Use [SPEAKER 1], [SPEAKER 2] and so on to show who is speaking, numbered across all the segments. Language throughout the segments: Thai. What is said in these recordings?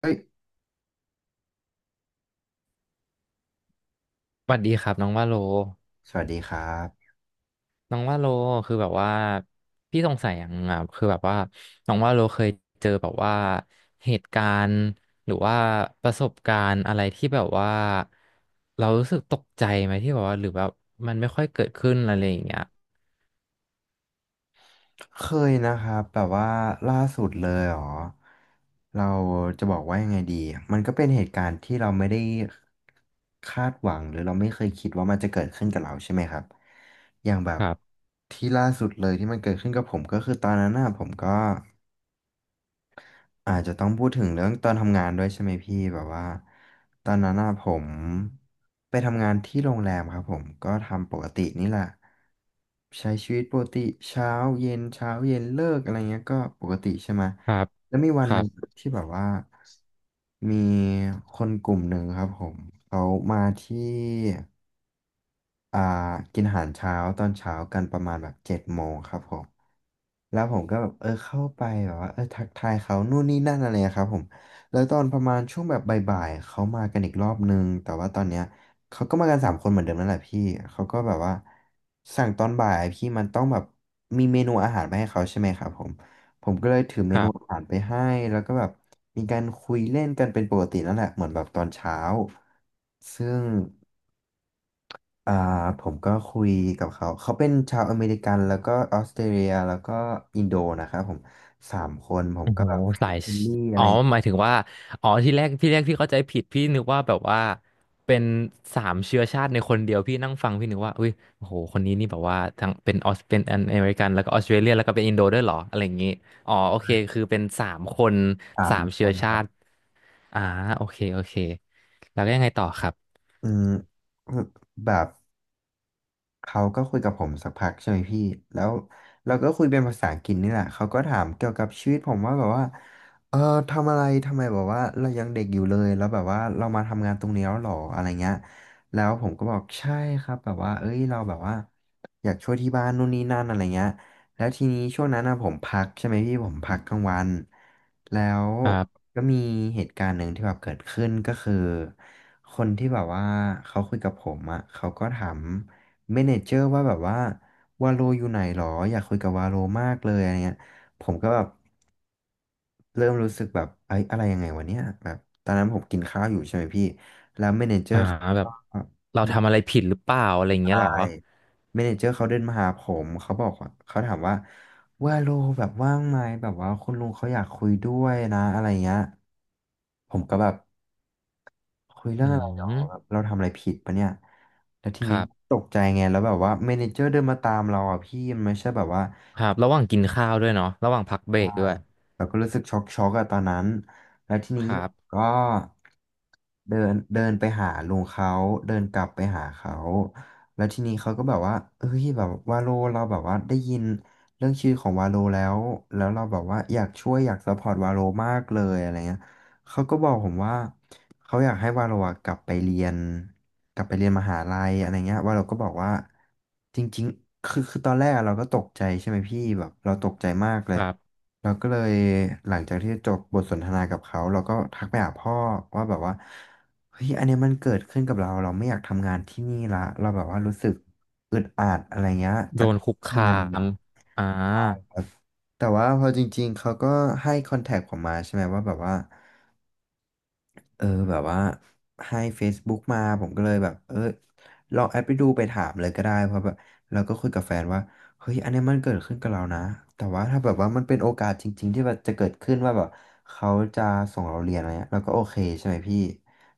[SPEAKER 1] เอ้ย
[SPEAKER 2] สวัสดีครับน้องว่าโล
[SPEAKER 1] สวัสดีครับ
[SPEAKER 2] น้องว่าโลคือแบบว่าพี่สงสัยอย่างอ่ะคือแบบว่าน้องว่าโลเคยเจอแบบว่าเหตุการณ์หรือว่าประสบการณ์อะไรที่แบบว่าเรารู้สึกตกใจไหมที่แบบว่าหรือแบบมันไม่ค่อยเกิดขึ้นอะไรอย่างเงี้ย
[SPEAKER 1] เคยนะครับแบบว่าล่าสุดเลยเหรอเราจะบอกว่ายังไงดีมันก็เป็นเหตุการณ์ที่เราไม่ได้คาดหวังหรือเราไม่เคยคิดว่ามันจะเกิดขึ้นกับเราใช่ไหมครับอย่างแบ
[SPEAKER 2] ค
[SPEAKER 1] บ
[SPEAKER 2] รับ
[SPEAKER 1] ที่ล่าสุดเลยที่มันเกิดขึ้นกับผมก็คือตอนนั้นน่ะผมก็ อาจจะต้องพูดถึงเรื่องตอนทำงานด้วยใช่ไหมพี่แบบว่าตอนนั้นน่ะผมไปทำงานที่โรงแรมครับผมก็ทำปกตินี่แหละใช้ชีวิตปกติเช้าเย็นเช้าเย็นเลิกอะไรเงี้ยก็ปกติใช่ไหม
[SPEAKER 2] ครับ
[SPEAKER 1] แล้วมีวั
[SPEAKER 2] ค
[SPEAKER 1] นห
[SPEAKER 2] รั
[SPEAKER 1] นึ่ง
[SPEAKER 2] บ
[SPEAKER 1] ที่แบบว่ามีคนกลุ่มหนึ่งครับผมเขามาที่อ่ากินอาหารเช้าตอนเช้ากันประมาณแบบ7 โมงครับผม แล้วผมก็แบบเออเข้าไปแบบว่าเออทักทายเขานู่นนี่นั่นอะไรอะครับผมแล้วตอนประมาณช่วงแบบบ่ายๆเขามากันอีกรอบนึงแต่ว่าตอนเนี้ยเขาก็มากันสามคนเหมือนเดิมนั่นแหละพี่เขาก็แบบว่าสั่งตอนบ่ายพี่มันต้องแบบมีเมนูอาหารไปให้เขาใช่ไหมครับผมผมก็เลยถือเม
[SPEAKER 2] ค
[SPEAKER 1] นู
[SPEAKER 2] รั
[SPEAKER 1] อา
[SPEAKER 2] บ
[SPEAKER 1] หารไปให้แล้วก็แบบมีการคุยเล่นกันเป็นปกตินั่นแหละเหมือนแบบตอนเช้าซึ่ง อ่าผมก็คุยกับเขาเขาเป็นชาวอเมริกันแล้วก็ออสเตรเลียแล้วก็อินโดนะครับผมสามคนผม
[SPEAKER 2] โอ้
[SPEAKER 1] ก็
[SPEAKER 2] โห
[SPEAKER 1] แบบฟิ
[SPEAKER 2] สา
[SPEAKER 1] ลิป
[SPEAKER 2] ย
[SPEAKER 1] ปิ
[SPEAKER 2] ช
[SPEAKER 1] นส์อะ
[SPEAKER 2] อ๋อ
[SPEAKER 1] ไร
[SPEAKER 2] หมายถึงว่า อ๋อ ที่แรกที่แรกพี่เข้าใจผิดพี่นึกว่าแบบว่า เป็นสามเชื้อชาติในคนเดียวพี่นั่งฟังพี่นึกว่าอุ้ยโอ้โหคนนี้นี่แบบว่าทั้งเป็นออสเป็นอเมริกันแล้วก็ออสเตรเลียแล้วก็เป็นอินโดด้วยเหรออะไรอย่างงี้อ๋อ โอเค คือเป็นสามคน
[SPEAKER 1] สา
[SPEAKER 2] สา
[SPEAKER 1] ม
[SPEAKER 2] ม
[SPEAKER 1] ค
[SPEAKER 2] เชื้อ
[SPEAKER 1] นค
[SPEAKER 2] ชา
[SPEAKER 1] รับ
[SPEAKER 2] ติอ่าโอเคโอเค แล้วก็ยังไงต่อครับ
[SPEAKER 1] อืมแบบ เขาก็คุยกับผมสักพักใช่ไหมพี่แล้วเราก็คุยเป็นภาษาอังกฤษนี่แหละ เขาก็ถามเกี่ยวกับชีวิตผมว่าแบบว่าเออทำอะไรทำไมแบบว่าเรายังเด็กอยู่เลย แล้วแบบว่าเรามาทำงานตรงนี้แล้วหรออะไรเงี้ย แล้วผมก็บอกใช่ครับแบบว่าเอ้ยเราแบบว่าอยากช่วยที่บ้านนู่นนี่นั่นอะไรเงี้ยแล้วทีนี้ช่วงนั้นนะผมพักใช่ไหมพี่ผมพักกลางวันแล้ว
[SPEAKER 2] ครับ
[SPEAKER 1] ก็มีเหตุการณ์หนึ่งที่แบบเกิดขึ้นก็คือคนที่แบบว่าเขาคุยกับผมอ่ะเขาก็ถาม เมเนเจอร์ว่าแบบว่าวาโลอยู่ไหนหรออยากคุยกับวาโลมากเลยอะไรเงี้ยผมก็แบบเริ่มรู้สึกแบบไอ้ยอะไรยังไงวะเนี่ยแบบตอนนั้นผมกินข้าวอยู่ใช่ไหมพี่แล้วเมเนเจอ
[SPEAKER 2] อ่า
[SPEAKER 1] ร์เขา
[SPEAKER 2] แบ
[SPEAKER 1] ก็
[SPEAKER 2] บเราทำอะไรผิดหรือเปล่าอะไรอย่างเงี้ย
[SPEAKER 1] ได้
[SPEAKER 2] เหรอ
[SPEAKER 1] เมเนเจอร์เขาเดินมาหาผมเขาบอกว่าเขาถามว่าวาโลแบบว่างไหมแบบว่าคุณลุงเขาอยากคุยด้วยนะอะไรเงี้ยผมก็แบบคุยเรื่
[SPEAKER 2] อื
[SPEAKER 1] องอะไรหรอแบบ
[SPEAKER 2] ม
[SPEAKER 1] เราทำอะไรผิดปะเนี่ยแล้วที
[SPEAKER 2] ค
[SPEAKER 1] นี้
[SPEAKER 2] รับ
[SPEAKER 1] ตกใจไงแล้วแบบว่าเมเนเจอร์เดินมาตามเราอ่ะพี่มันไม่ใช่แบบว่า
[SPEAKER 2] ครับระหว่างกินข้าวด้วยเนาะระหว่างพักเบรกด้วย
[SPEAKER 1] เราก็รู้สึกช็อกอะตอนนั้นแล้วทีนี้
[SPEAKER 2] ครับ
[SPEAKER 1] ก็เดินเดินไปหาลุงเขาเดินกลับไปหาเขาแล้วทีนี้เขาก็แบบว่าเฮ้ยแบบวาโลเราแบบว่าได้ยินเรื่องชื่อของวาโลแล้วแล้วเราแบบว่าอยากช่วยอยากซัพพอร์ตวาโลมากเลยอะไรเงี้ยเขาก็บอกผมว่าเขาอยากให้วาโลอะกลับไปเรียนกลับไปเรียนมหาลัยอะไรเงี้ยวาโลก็บอกว่าจริงๆคือตอนแรกอะเราก็ตกใจใช่ไหมพี่แบบเราตกใจมากเล
[SPEAKER 2] ค
[SPEAKER 1] ย
[SPEAKER 2] รับ
[SPEAKER 1] เราก็เลยหลังจากที่จบบทสนทนากับเขาเราก็ทักไปหาพ่อว่าแบบว่าเฮ้ยอันเนี้ยมันเกิดขึ้นกับเราเราไม่อยากทำงานที่นี่ละเราแบบว่ารู้สึกอึดอัดอะไรเงี้ย
[SPEAKER 2] โด
[SPEAKER 1] จาก
[SPEAKER 2] นคุกคา
[SPEAKER 1] ทำงานมา
[SPEAKER 2] มอ่า
[SPEAKER 1] แต่ว่าพอจริงๆเขาก็ให้คอนแทคผมมาใช่ไหมว่าแบบว่า เออแบบว่าให้ Facebook มาผมก็เลยแบบเออลองแอดไปดูไปถามเลยก็ได้เพราะแบบเราก็คุยกับแฟนว่าเฮ้ยอันเนี้ยมันเกิดขึ้นกับเรานะแต่ว่าถ้าแบบว่ามันเป็นโอกาสจริงๆที่แบบจะเกิดขึ้นว่าแบบเขาจะส่งเราเรียนอะไรเงี้ยเราก็โอเคใช่ไหมพี่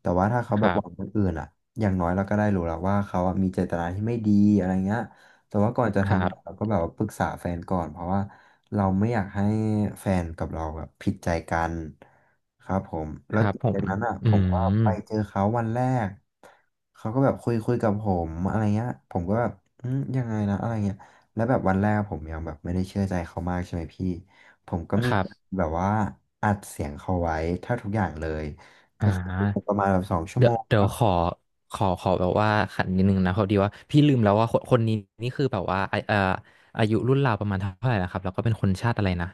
[SPEAKER 1] แต่ว่าถ้าเขา
[SPEAKER 2] ค
[SPEAKER 1] แบบ
[SPEAKER 2] รั
[SPEAKER 1] หวังค
[SPEAKER 2] บ
[SPEAKER 1] นอื่นอ่ะอย่างน้อยเราก็ได้รู้แล้วว่าเขาอะมีเจตนาที่ไม่ดีอะไรเงี้ยแต่ว่าก่อนจะ
[SPEAKER 2] ครั
[SPEAKER 1] ทำอะเรา
[SPEAKER 2] บ
[SPEAKER 1] ก็แบบว่าปรึกษาแฟนก่อนเพราะว่า เราไม่อยากให้แฟนกับเราแบบผิดใจกันครับผม
[SPEAKER 2] ค
[SPEAKER 1] แล้ว
[SPEAKER 2] รับผ
[SPEAKER 1] จา
[SPEAKER 2] ม
[SPEAKER 1] กนั้นอ่ะ
[SPEAKER 2] อื
[SPEAKER 1] ผมก็
[SPEAKER 2] ม
[SPEAKER 1] ไปเจอเขาวันแรกเขาก็แบบคุยคุยกับผมอะไรเงี้ยผมก็แบบอืมยังไงนะอะไรเงี้ยแล้วแบบวันแรกผมยังแบบไม่ได้เชื่อใจเขามากใช่ไหมพี่ผมก็มี
[SPEAKER 2] ครับ
[SPEAKER 1] แบบว่าอัดเสียงเขาไว้แทบทุกอย่างเลย
[SPEAKER 2] อ่
[SPEAKER 1] ก็คือป
[SPEAKER 2] า
[SPEAKER 1] ระมาณแบบสองชั่ว
[SPEAKER 2] เดี๋
[SPEAKER 1] โม
[SPEAKER 2] ยว
[SPEAKER 1] ง
[SPEAKER 2] เดี๋
[SPEAKER 1] ค
[SPEAKER 2] ยว
[SPEAKER 1] รับ
[SPEAKER 2] ขอขอแบบว่าขันนิดนึงนะพอดีว่าพี่ลืมแล้วว่าคนคนนี้นี่คือแบบว่าไอาอายุรุ่นราวประมาณเท่าไหร่นะครับแล้วก็เป็นคนชาติอะไรนะ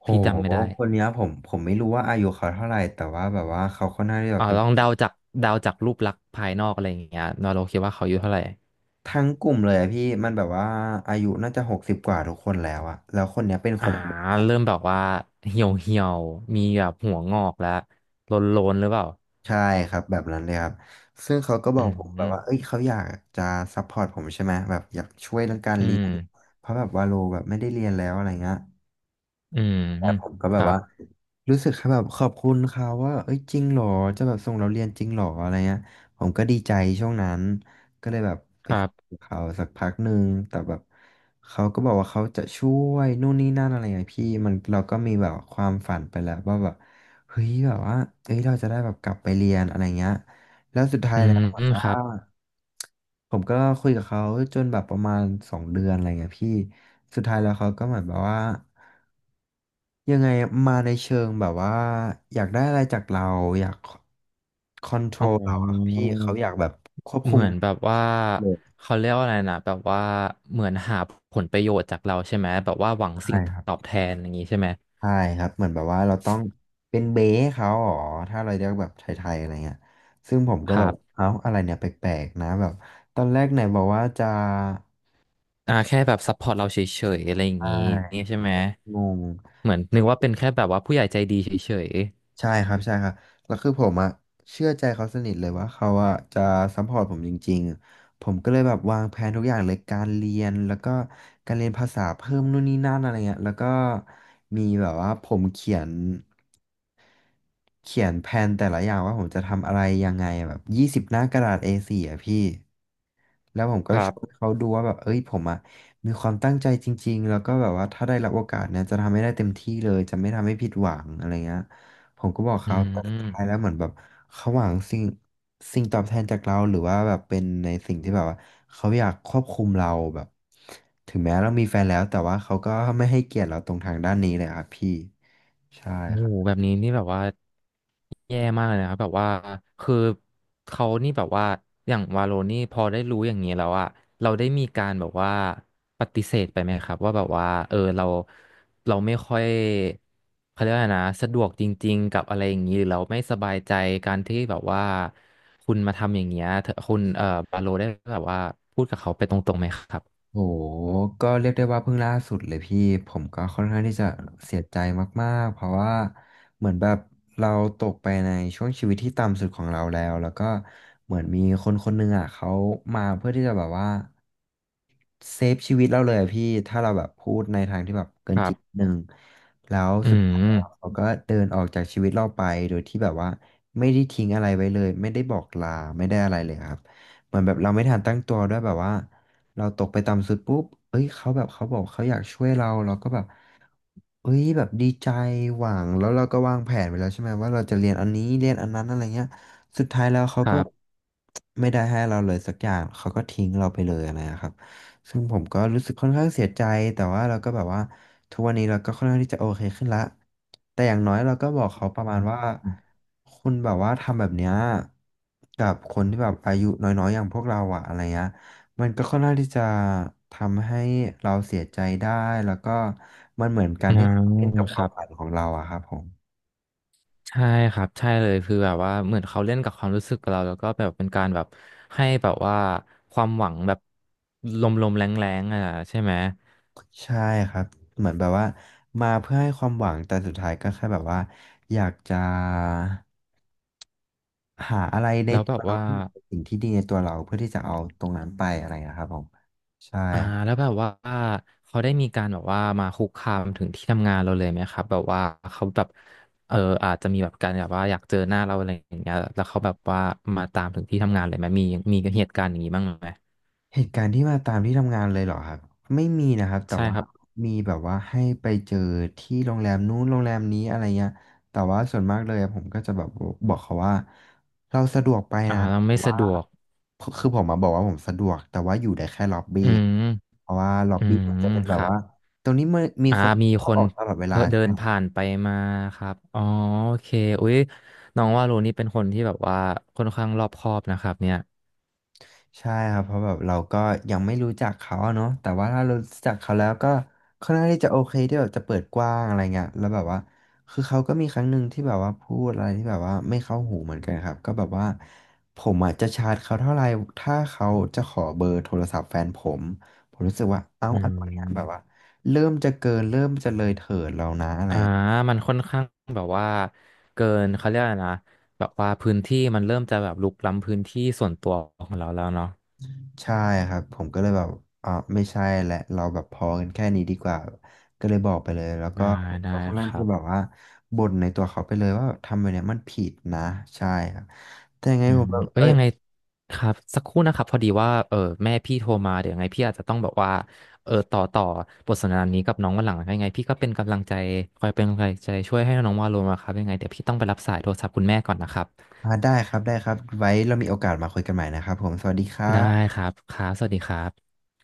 [SPEAKER 1] โห
[SPEAKER 2] พี่จำไม่ได้
[SPEAKER 1] คนเนี้ยผมไม่รู้ว่าอายุเขาเท่าไหร่แต่ว่าแบบว่าเขาค่อนข้างที่จะ
[SPEAKER 2] อ่า
[SPEAKER 1] เป็น
[SPEAKER 2] ลองเดาจากเดาจากรูปลักษณ์ภายนอกอะไรอย่างเงี้ยนอโรคิดว่าเขาอายุเท่าไหร่
[SPEAKER 1] ทั้งกลุ่มเลยอะพี่มันแบบว่าอายุน่าจะ60กว่าทุกคนแล้วอะแล้วคนเนี้ยเป็นค
[SPEAKER 2] อ่า
[SPEAKER 1] นอเมริกัน
[SPEAKER 2] เริ่มแบบว่าเหี่ยวเหี่ยวมีแบบหัวงอกแล้วโลนๆหรือเปล่า
[SPEAKER 1] ใช่ครับแบบนั้นเลยครับซึ่งเขาก็บ
[SPEAKER 2] อื
[SPEAKER 1] อกผมแบบว่าเอ้ย
[SPEAKER 2] ม
[SPEAKER 1] เขาอยากจะซัพพอร์ตผมใช่ไหมแบบอยากช่วยเรื่องการ
[SPEAKER 2] อื
[SPEAKER 1] เรีย
[SPEAKER 2] ม
[SPEAKER 1] นเพราะแบบว่าโลแบบไม่ได้เรียนแล้วอะไรเงี้ย
[SPEAKER 2] อืม
[SPEAKER 1] แต่ผมก็
[SPEAKER 2] ค
[SPEAKER 1] แบบ
[SPEAKER 2] รั
[SPEAKER 1] ว่า
[SPEAKER 2] บ
[SPEAKER 1] รู้สึกแค่แบบขอบคุณเขาว่าเอ้ยจริงเหรอจะแบบส่งเราเรียนจริงเหรออะไรเงี้ยผมก็ดีใจช่วงนั้นก็เลยแบบไป
[SPEAKER 2] ครั
[SPEAKER 1] คุย
[SPEAKER 2] บ
[SPEAKER 1] กับเขาสักพักหนึ่งแต่แบบเขาก็บอกว่าเขาจะช่วยนู่นนี่นั่นอะไรเงี้ยพี่มันเราก็มีแบบความฝันไปแล้วว่าแบบเฮ้ยแบบว่าเอ้ยเราจะได้แบบกลับไปเรียนอะไรเงี้ยแล้วสุดท้า
[SPEAKER 2] อื
[SPEAKER 1] ยแล้ว
[SPEAKER 2] ม
[SPEAKER 1] เหมือน
[SPEAKER 2] ค
[SPEAKER 1] ว่า
[SPEAKER 2] รับ
[SPEAKER 1] ผมก็คุยกับเขาจนแบบประมาณ2 เดือนอะไรเงี้ยพี่สุดท้ายแล้วเขาก็เหมือนแบบว่า ยังไงมาในเชิงแบบว่าอยากได้อะไรจากเราอยากคอนโทร
[SPEAKER 2] อ๋
[SPEAKER 1] ลเราอะ
[SPEAKER 2] อ
[SPEAKER 1] พี่เขาอยากแบบควบคุ
[SPEAKER 2] เห
[SPEAKER 1] ม
[SPEAKER 2] มือนแบบว่า
[SPEAKER 1] เรา
[SPEAKER 2] เขาเรียกว่าอะไรนะแบบว่าเหมือนหาผลประโยชน์จากเราใช่ไหมแบบว่าหวังสิ่
[SPEAKER 1] ใช่
[SPEAKER 2] ง
[SPEAKER 1] ครับ
[SPEAKER 2] ตอบแทนอย่างนี้ใช่ไหม
[SPEAKER 1] ใช่ครับเหมือนแบบว่าเราต้องเป็นเบ้เขาอ๋อถ้าเราเรียกแบบไทยๆอะไรเงี้ยซึ่งผมก็
[SPEAKER 2] ค
[SPEAKER 1] แบ
[SPEAKER 2] รั
[SPEAKER 1] บ
[SPEAKER 2] บ
[SPEAKER 1] เอ้าอะไรเนี่ยแปลกๆนะแบบตอนแรกไหนบอกว่าจะ
[SPEAKER 2] อ่าแค่แบบซัพพอร์ตเราเฉยๆอะไรอย่าง
[SPEAKER 1] ใช่
[SPEAKER 2] นี้
[SPEAKER 1] ผ
[SPEAKER 2] ใช่
[SPEAKER 1] ม
[SPEAKER 2] ไหม
[SPEAKER 1] ก็งง
[SPEAKER 2] เหมือนนึกว่าเป็นแค่แบบว่าผู้ใหญ่ใจดีเฉย
[SPEAKER 1] ใช่ครับใช่ครับแล้วคือผมอะเชื่อใจเขาสนิทเลยว่าเขาอะจะซัพพอร์ตผมจริงๆผมก็เลยแบบวางแผนทุกอย่างเลยการเรียนแล้วก็การเรียนภาษาเพิ่มนู่นนี่นั่นอะไรเงี้ยแล้วก็มีแบบว่าผมเขียนแผนแต่ละอย่างว่าผมจะทำอะไรยังไงแบบ20หน้ากระดาษ A4 อสี่อะพี่แล้วผม
[SPEAKER 2] ๆ
[SPEAKER 1] ก็
[SPEAKER 2] ครั
[SPEAKER 1] ช่วย
[SPEAKER 2] บ
[SPEAKER 1] เขาดูว่าแบบเอ้ยผมอะมีความตั้งใจจริงๆแล้วก็แบบว่าถ้าได้รับโอกาสเนี่ยจะทำให้ได้เต็มที่เลยจะไม่ทำให้ผิดหวังอะไรเงี้ย ผมก็บอก
[SPEAKER 2] อื
[SPEAKER 1] เขาแต่สุดท้ายแล้
[SPEAKER 2] ม
[SPEAKER 1] วเหมือนแบบเขาหวังสิ่งตอบแทนจากเราหรือว่าแบบเป็นในสิ่งที่แบบว่าเขาอยากควบคุมเราแบบถึงแม้เรามีแฟนแล้วแต่ว่าเขาก็ไม่ให้เกียรติเราตรงทางด้านนี้เลยครับพี่ใช่
[SPEAKER 2] โอ้
[SPEAKER 1] ครั
[SPEAKER 2] โห
[SPEAKER 1] บ
[SPEAKER 2] แบบนี้นี่แบบว่าแย่มากเลยนะครับแบบว่าคือเขานี่แบบว่าอย่างวาโลนี่พอได้รู้อย่างนี้แล้วอะเราได้มีการแบบว่าปฏิเสธไปไหมครับว่าแบบว่าเออเราเราไม่ค่อยเขาเรียกว่าไงนะสะดวกจริงๆกับอะไรอย่างนี้หรือเราไม่สบายใจการที่แบบว่าคุณมาทำอย่างเงี้ยเธอคุณบาโลได้แบบว่าพูดกับเขาไปตรงๆไหมครับ
[SPEAKER 1] โหก็เรียกได้ว่าเพิ่งล่าสุดเลยพี่ผมก็ค่อนข้างที่จะเสียใจมากๆเพราะว่าเหมือนแบบเราตกไปในช่วงชีวิตที่ต่ำสุดของเราแล้วแล้วก็เหมือนมีคนคนหนึ่งอ่ะเขามาเพื่อที่จะแบบว่าเซฟชีวิตเราเลยอะพี่ถ้าเราแบบพูดในทางที่แบบเกิ
[SPEAKER 2] ค
[SPEAKER 1] นจ
[SPEAKER 2] รั
[SPEAKER 1] ริงนิด
[SPEAKER 2] บ
[SPEAKER 1] นึงแล้ว
[SPEAKER 2] อื
[SPEAKER 1] สุดท้ายแล้
[SPEAKER 2] ม
[SPEAKER 1] วเขาก็เดินออกจากชีวิตเราไปโดยที่แบบว่าไม่ได้ทิ้งอะไรไว้เลยไม่ได้บอกลาไม่ได้อะไรเลยครับเหมือนแบบเราไม่ทันตั้งตัวด้วยแบบว่า เราตกไปต่ำสุดปุ๊บเอ้ยเขาแบบเขาบอกเขาอยากช่วยเราเราก็แบบเอ้ยแบบดีใจหวังแล้วเราก็วางแผนไปแล้วใช่ไหมว่าเราจะเรียนอันนี้เรียนอันนั้นอะไรเงี้ยสุดท้ายแล้วเขา
[SPEAKER 2] ค
[SPEAKER 1] ก็
[SPEAKER 2] รั
[SPEAKER 1] แบบ
[SPEAKER 2] บ
[SPEAKER 1] ไม่ได้ให้เราเลยสักอย่างเขาก็ทิ้งเราไปเลยอะไรนะครับซึ่งผมก็รู้สึกค่อนข้างเสียใจแต่ว่าเราก็แบบว่าทุกวันนี้เราก็ค่อนข้างที่จะโอเคขึ้นละแต่อย่างน้อยเราก็บอกเขาประ
[SPEAKER 2] อ
[SPEAKER 1] มาณว่า
[SPEAKER 2] ืม
[SPEAKER 1] คุณแบบว่าทำแบบเนี้ยกับคนที่แบบอายุน้อยๆอย่างพวกเราอะอะไรเงี้ย มันก็ค่อนข้างที่จะทำให้เราเสียใจได้แล้วก็มันเหมือนการที่เราเล่นกับค
[SPEAKER 2] ค
[SPEAKER 1] วาม
[SPEAKER 2] รั
[SPEAKER 1] ฝั
[SPEAKER 2] บ
[SPEAKER 1] นของเราอะครับผม
[SPEAKER 2] ใช่ครับใช่เลยคือแบบว่าเหมือนเขาเล่นกับความรู้สึกเราแล้วก็แบบเป็นการแบบให้แบบว่าความหวังแบบลมๆแรงๆอ่ะใช่ไหม
[SPEAKER 1] ใช่ครับเหมือนแบบว่ามาเพื่อให้ความหวังแต่สุดท้ายก็แค่แบบว่าอยากจะหาอะไรใน
[SPEAKER 2] แล้ว
[SPEAKER 1] ตั
[SPEAKER 2] แบ
[SPEAKER 1] ว
[SPEAKER 2] บ
[SPEAKER 1] เรา
[SPEAKER 2] ว่า
[SPEAKER 1] ที่แบบเป็นสิ่งที่ดีในตัวเราเพื่อที่จะเอาตรงนั้นไปอะไรนะครับผมใช่
[SPEAKER 2] อ่าแล้วแบบว่าเขาได้มีการแบบว่ามาคุกคามถึงที่ทำงานเราเลยไหมครับแบบว่าเขาแบบเอออาจจะมีแบบการแบบว่าอยากเจอหน้าเราอะไรอย่างเงี้ยแล้วเขาแบบว่ามาตามถึงที่ทำงานเลยไหมมีมีเหตุการณ์อย่างนี้บ้างไหม
[SPEAKER 1] เหตุการณ์ที่มาตามที่ทำงานเลยเหรอครับไม่มีนะครับแต่
[SPEAKER 2] ใช่
[SPEAKER 1] ว่า
[SPEAKER 2] ครับ
[SPEAKER 1] มีแบบว่าให้ไปเจอที่โรงแรมนู้นโรงแรมนี้อะไรเงี้ยแต่ว่าส่วนมากเลยอะผมก็จะแบบบอกเขาว่าเราสะดวกไป
[SPEAKER 2] อ่า
[SPEAKER 1] นะ
[SPEAKER 2] เรา
[SPEAKER 1] แต่
[SPEAKER 2] ไม่สะ
[SPEAKER 1] ว่า
[SPEAKER 2] ดวก
[SPEAKER 1] คือผมมาบอกว่าผมสะดวกแต่ว่าอยู่ได้แค่ล็อบบี้
[SPEAKER 2] อืม
[SPEAKER 1] เพราะว่าล็อบ
[SPEAKER 2] อื
[SPEAKER 1] บี้มัน
[SPEAKER 2] ม
[SPEAKER 1] จะเป็นแบ
[SPEAKER 2] ค
[SPEAKER 1] บ
[SPEAKER 2] รับ
[SPEAKER 1] ว่าตรงนี้มันมี
[SPEAKER 2] อ่า
[SPEAKER 1] คน
[SPEAKER 2] มีค
[SPEAKER 1] เข้าอ
[SPEAKER 2] น
[SPEAKER 1] อกตลอดเว
[SPEAKER 2] เพ
[SPEAKER 1] ลา
[SPEAKER 2] อเดินผ่านไปมาครับอ๋อโอเคอุ๊ยน้องว่าโรนี่เป็นคนที่แบบว่าค่อนข้างรอบคอบนะครับเนี่ย
[SPEAKER 1] ใช่ครับเพราะแบบเราก็ยังไม่รู้จักเขาอะเนาะแต่ว่าถ้าเรารู้จักเขาแล้วก็ค่อนข้างที่จะโอเคที่แบบจะเปิดกว้างอะไรเงี้ยแล้วแบบว่าคือเขาก็มีครั้งหนึ่งที่แบบว่าพูดอะไรที่แบบว่าไม่เข้าหูเหมือนกันครับก็แบบว่าผมอ่ะจะชาร์จเขาเท่าไหร่ถ้าเขาจะขอเบอร์โทรศัพท์แฟนผมผมรู้สึกว่าเอ้า
[SPEAKER 2] อื
[SPEAKER 1] อะไรเนี่ย
[SPEAKER 2] ม
[SPEAKER 1] แบบว่า
[SPEAKER 2] อ่ามันค่อนข้างแบบว่าเกินเขาเรียกอะไรนะแบบว่าพื้นที่มันเริ่มจะแบบรุกล้ำพื้นที่ส่วนตัวของเราแล้วเนาะ
[SPEAKER 1] ใช่ครับผมก็เลยแบบอ่าไม่ใช่แหละเราแบบพอกันแค่นี้ดีกว่าก็เลยบอกไปเลยแล้วก็
[SPEAKER 2] ได้ได้
[SPEAKER 1] เขาค่อน
[SPEAKER 2] ค
[SPEAKER 1] ข้างที่
[SPEAKER 2] รั
[SPEAKER 1] จะแบบ
[SPEAKER 2] บ
[SPEAKER 1] ว่าบ่นในตัวเขาไปเลยว่าทำแบบเนี้ยมันผิดนะใช่ครับแต่ยังไง
[SPEAKER 2] อื
[SPEAKER 1] ผ
[SPEAKER 2] ม
[SPEAKER 1] มแบบ
[SPEAKER 2] เอ้
[SPEAKER 1] เอ้
[SPEAKER 2] ย
[SPEAKER 1] ย
[SPEAKER 2] ยังไงครับสักครู่นะครับพอดีว่าเออแม่พี่โทรมาเดี๋ยวยังไงพี่อาจจะต้องแบบว่าเออต่อบทสนทนานี้กับน้องวันหลังยังไงพี่ก็เป็นกำลังใจคอยเป็นกำลังใจช่วยให้น้องวาโลมาครับยังไงเดี๋ยวพี่ต้องไปรับสายโทรศัพท์คุณแม่ก่อนนะครับ
[SPEAKER 1] ได้ครับได้ครับไว้เรามีโอกาสมาคุยกันใหม่นะครับผมสวัสดีครั
[SPEAKER 2] ได้
[SPEAKER 1] บ
[SPEAKER 2] ครับครับสวัสดีครับ